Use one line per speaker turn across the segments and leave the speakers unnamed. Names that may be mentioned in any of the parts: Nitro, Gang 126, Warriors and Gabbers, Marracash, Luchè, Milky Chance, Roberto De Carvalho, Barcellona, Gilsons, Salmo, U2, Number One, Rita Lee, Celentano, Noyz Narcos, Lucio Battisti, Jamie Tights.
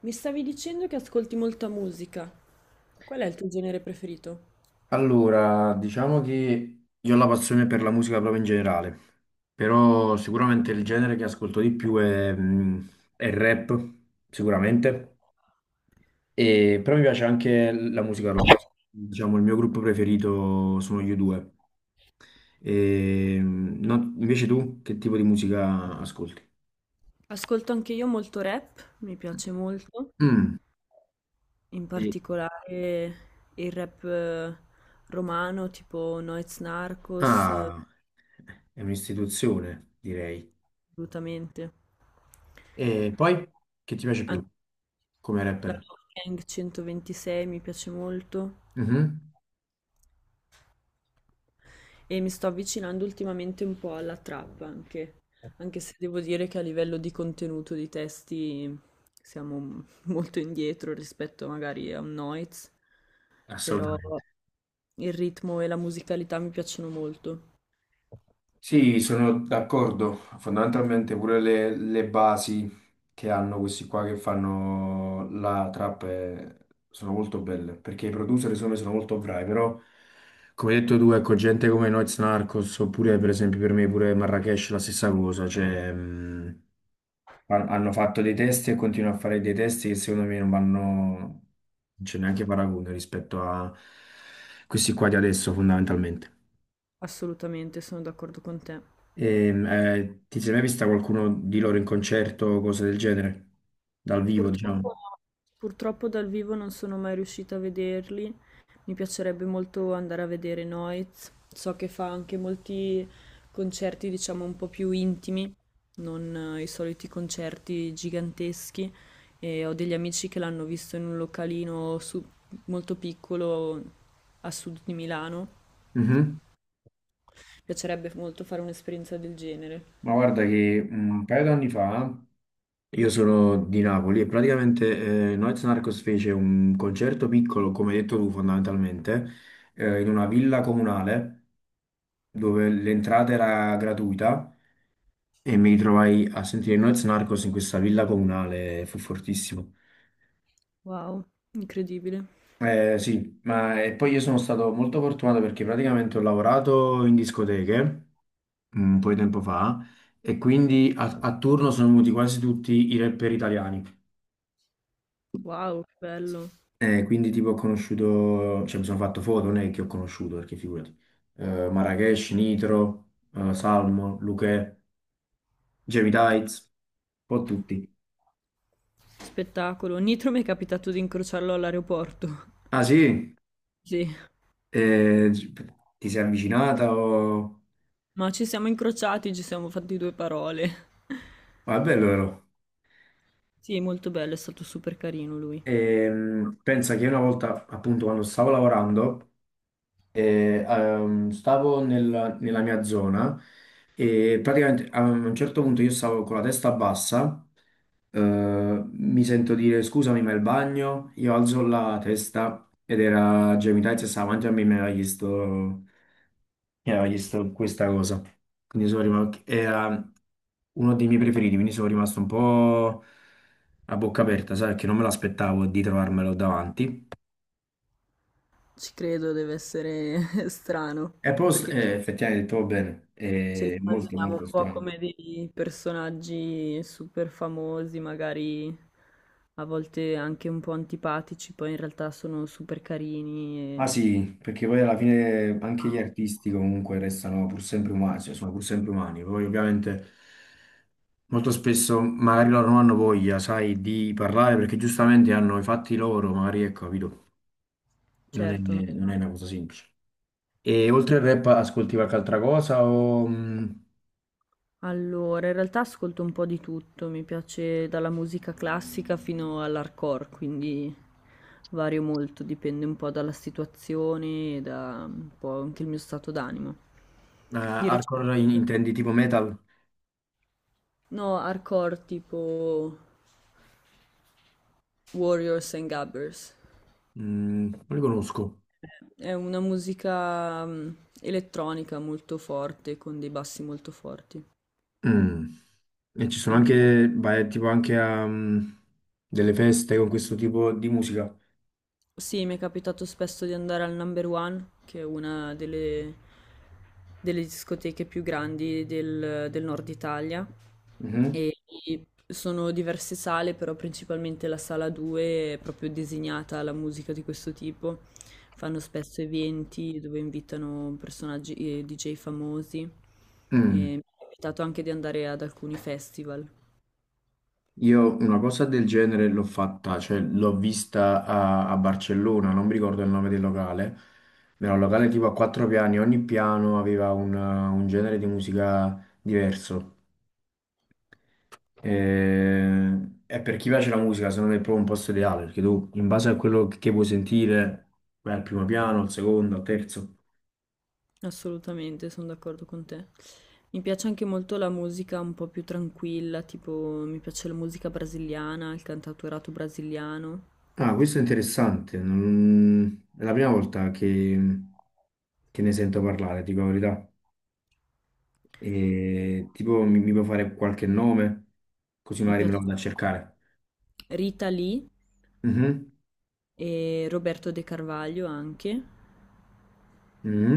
Mi stavi dicendo che ascolti molta musica. Qual è il tuo genere preferito?
Allora, diciamo che io ho la passione per la musica proprio in generale, però sicuramente il genere che ascolto di più è il rap, sicuramente, e, però mi piace anche la musica rock. Diciamo, il mio gruppo preferito sono gli U2. Invece tu, che tipo di musica ascolti?
Ascolto anche io molto rap, mi piace molto,
Mm,
in
e-
particolare il rap romano, tipo Noyz Narcos,
ah, è un'istituzione, direi.
assolutamente.
E poi, che ti piace
Anche
più come
la
rapper?
Gang 126 mi piace molto.
Mhm.
E mi sto avvicinando ultimamente un po' alla trap anche, anche se devo dire che a livello di contenuto di testi siamo molto indietro rispetto magari a un Noiz, però
Assolutamente.
il ritmo e la musicalità mi piacciono molto,
Sì, sono d'accordo. Fondamentalmente pure le basi che hanno questi qua che fanno la trap, sono molto belle, perché i producer secondo me sono molto bravi, però come hai detto tu, ecco, gente come Noyz Narcos, oppure per esempio per me pure Marracash la stessa cosa, cioè hanno fatto dei testi e continuano a fare dei testi che secondo me non vanno, non c'è neanche paragone rispetto a questi qua di adesso fondamentalmente.
assolutamente, sono d'accordo con te.
Ti sei mai vista qualcuno di loro in concerto o cose del genere? Dal vivo, diciamo.
Purtroppo, purtroppo dal vivo non sono mai riuscita a vederli. Mi piacerebbe molto andare a vedere Noiz. So che fa anche molti concerti, diciamo, un po' più intimi, non i soliti concerti giganteschi. E ho degli amici che l'hanno visto in un localino molto piccolo a sud di Milano.
Mhm.
Mi piacerebbe molto fare un'esperienza del genere.
Ma guarda che un paio d'anni fa io sono di Napoli e praticamente Noyz Narcos fece un concerto piccolo, come hai detto tu fondamentalmente, in una villa comunale dove l'entrata era gratuita e mi ritrovai a sentire Noyz Narcos in questa villa comunale, fu fortissimo.
Wow, incredibile.
Sì, ma e poi io sono stato molto fortunato perché praticamente ho lavorato in discoteche, un po' di tempo fa e
Ok.
quindi a turno sono venuti quasi tutti i rapper italiani.
Wow, che bello.
Quindi tipo ho conosciuto, cioè mi sono fatto foto, non è che ho conosciuto perché figurati, Marrakesh, Nitro, Salmo, Luchè, Jamie Tights, un po' tutti.
Spettacolo. Nitro mi è capitato di incrociarlo all'aeroporto.
Ah sì?
Sì.
Eh, Ti sei avvicinata o...
Ma ci siamo incrociati, ci siamo fatti due parole.
Ma è bello però.
Sì, molto bello, è stato super carino lui.
Pensa che una volta, appunto, quando stavo lavorando, stavo nella mia zona e praticamente a un certo punto io stavo con la testa bassa, eh, mi sento dire scusami ma il bagno, io alzo la testa ed era Jamie Tights e stava davanti a me e mi aveva chiesto questa cosa. Quindi sono rimasto, era uno dei miei preferiti, quindi sono rimasto un po' a bocca aperta, sai, perché non me l'aspettavo di trovarmelo davanti.
Ci credo, deve essere strano,
E poi
perché ce
effettivamente trovo bene,
ce li
è molto
immaginiamo un
molto
po'
strano.
come dei personaggi super famosi, magari a volte anche un po' antipatici, poi in realtà sono super carini
Ah
e
sì, perché poi alla fine anche gli artisti comunque restano pur sempre umani, cioè sono pur sempre umani. Poi ovviamente molto spesso magari loro non hanno voglia, sai, di parlare perché giustamente hanno i fatti loro, magari ecco, capito? Non è,
certo.
non è una cosa semplice. E oltre al rap ascolti qualche altra cosa o
Allora, in realtà ascolto un po' di tutto, mi piace dalla musica classica fino all'hardcore, quindi vario molto, dipende un po' dalla situazione e da un po' anche il mio stato d'animo. Di recente,
hardcore intendi tipo metal?
no, hardcore tipo Warriors and Gabbers.
Mm, non li conosco.
È una musica elettronica molto forte, con dei bassi molto forti.
Mm. E ci sono anche, vai tipo anche a, delle feste con questo tipo di musica.
Sì, mi è capitato spesso di andare al Number One, che è una delle, delle discoteche più grandi del, del nord Italia.
Mhm.
E sono diverse sale, però principalmente la sala 2 è proprio designata alla musica di questo tipo. Fanno spesso eventi dove invitano personaggi e DJ famosi. E
Mm.
mi è capitato anche di andare ad alcuni festival.
Io una cosa del genere l'ho fatta, cioè l'ho vista a, a Barcellona, non mi ricordo il nome del locale. Era un locale tipo a quattro piani, ogni piano aveva un genere di musica diverso. E per chi piace la musica, secondo me è proprio un posto ideale, perché tu in base a quello che puoi sentire, vai al primo piano, al secondo, al terzo.
Assolutamente, sono d'accordo con te. Mi piace anche molto la musica un po' più tranquilla, tipo mi piace la musica brasiliana, il cantautorato brasiliano.
Ah, questo è interessante. È la prima volta che ne sento parlare, dico la verità. E, tipo, mi può fare qualche nome, così
Mi
magari me lo
piace
vado a cercare.
Rita Lee
Mhm,
e Roberto De Carvalho anche.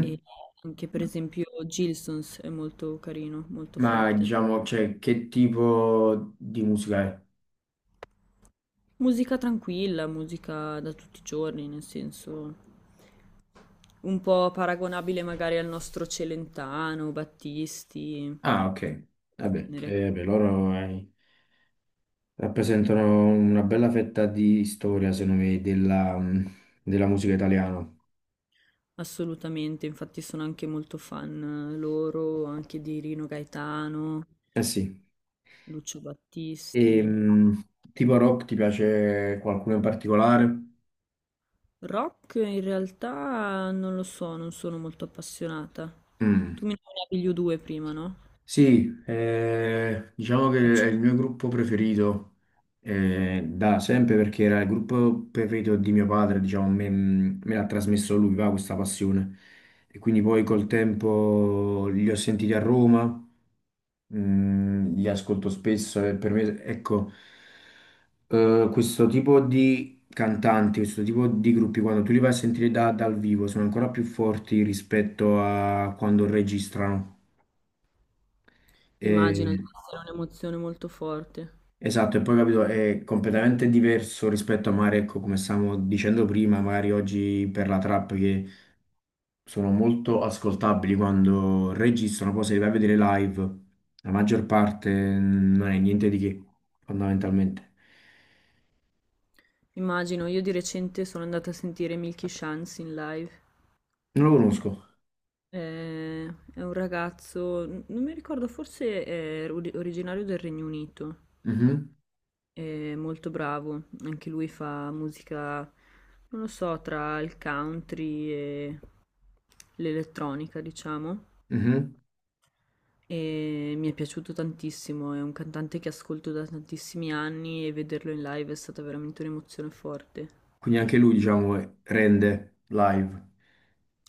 E anche per esempio Gilsons è molto carino, molto
Ma
forte.
diciamo, cioè, che tipo di musica è?
Musica tranquilla, musica da tutti i giorni, nel senso un po' paragonabile magari al nostro Celentano, Battisti,
Ah, ok. Vabbè,
genere.
vabbè, loro rappresentano una bella fetta di storia, secondo me, della, della musica italiana.
Assolutamente, infatti sono anche molto fan loro, anche di Rino Gaetano,
Eh sì.
Lucio
E,
Battisti.
tipo rock ti piace qualcuno in particolare?
Rock in realtà non lo so, non sono molto appassionata.
Mm.
Tu mi nominavi gli U2 prima, no?
Sì, diciamo che è il mio gruppo preferito da sempre perché era il gruppo preferito di mio padre, diciamo, me l'ha trasmesso lui, va, questa passione. E quindi poi col tempo li ho sentiti a Roma, li ascolto spesso e per me, ecco, questo tipo di cantanti, questo tipo di gruppi, quando tu li vai a sentire dal vivo, sono ancora più forti rispetto a quando registrano.
Immagino di
E-
essere un'emozione molto forte.
esatto, e poi capito, è completamente diverso rispetto a magari, ecco, come stavamo dicendo prima, magari oggi per la trap sono molto ascoltabili quando registrano, poi se li vai a vedere live, la maggior parte, non è niente di che, fondamentalmente.
Immagino, io di recente sono andata a sentire Milky Chance in live.
Non lo conosco.
Eh, È un ragazzo, non mi ricordo, forse è originario del Regno Unito.
Mhm,
È molto bravo, anche lui fa musica, non lo so, tra il country e l'elettronica, diciamo.
mhm.
E mi è piaciuto tantissimo, è un cantante che ascolto da tantissimi anni e vederlo in live è stata veramente un'emozione forte.
Quindi anche lui, diciamo, rende live.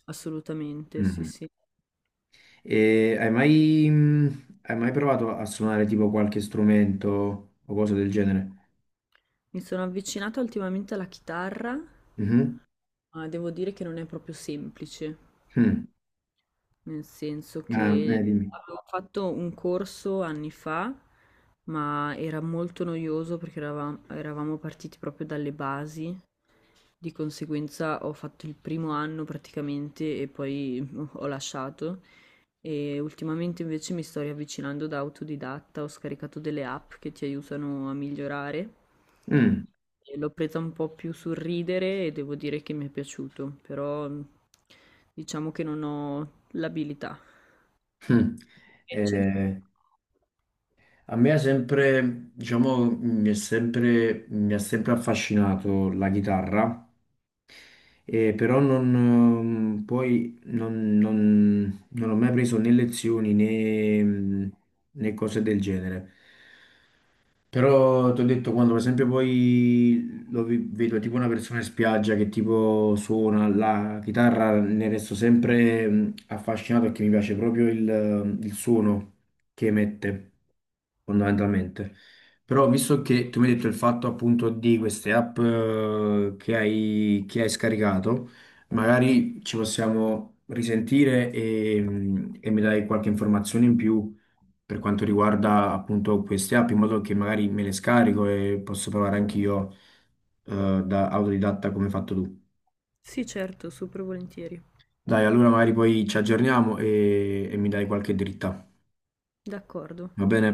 Assolutamente, sì,
Mhm.
sì.
E hai mai provato a suonare tipo qualche strumento o cosa del genere?
Mi sono avvicinata ultimamente alla chitarra,
Mhm.
ma devo dire che non è proprio semplice.
Mm.
Nel senso
Ah,
che
dimmi.
avevo fatto un corso anni fa, ma era molto noioso perché eravamo partiti proprio dalle basi, di conseguenza ho fatto il primo anno praticamente e poi ho lasciato. E ultimamente invece mi sto riavvicinando da autodidatta, ho scaricato delle app che ti aiutano a migliorare.
Mm.
E l'ho presa un po' più sul ridere e devo dire che mi è piaciuto, però diciamo che non ho l'abilità.
Mm.
Invece?
Eh, A me ha sempre, diciamo, mi è sempre, mi ha sempre affascinato la chitarra, però non, poi non, non ho mai preso né lezioni né, né cose del genere. Però ti ho detto, quando per esempio poi lo vedo tipo una persona in spiaggia che tipo suona la chitarra, ne resto sempre affascinato perché mi piace proprio il suono che emette, fondamentalmente. Però visto che tu mi hai detto il fatto appunto di queste app che hai scaricato, magari ci possiamo risentire e mi dai qualche informazione in più per quanto riguarda appunto queste app, in modo che magari me le scarico e posso provare anch'io da autodidatta come hai fatto tu.
Sì, certo, super volentieri.
Dai, allora magari poi ci aggiorniamo e mi dai qualche dritta,
D'accordo.
va bene?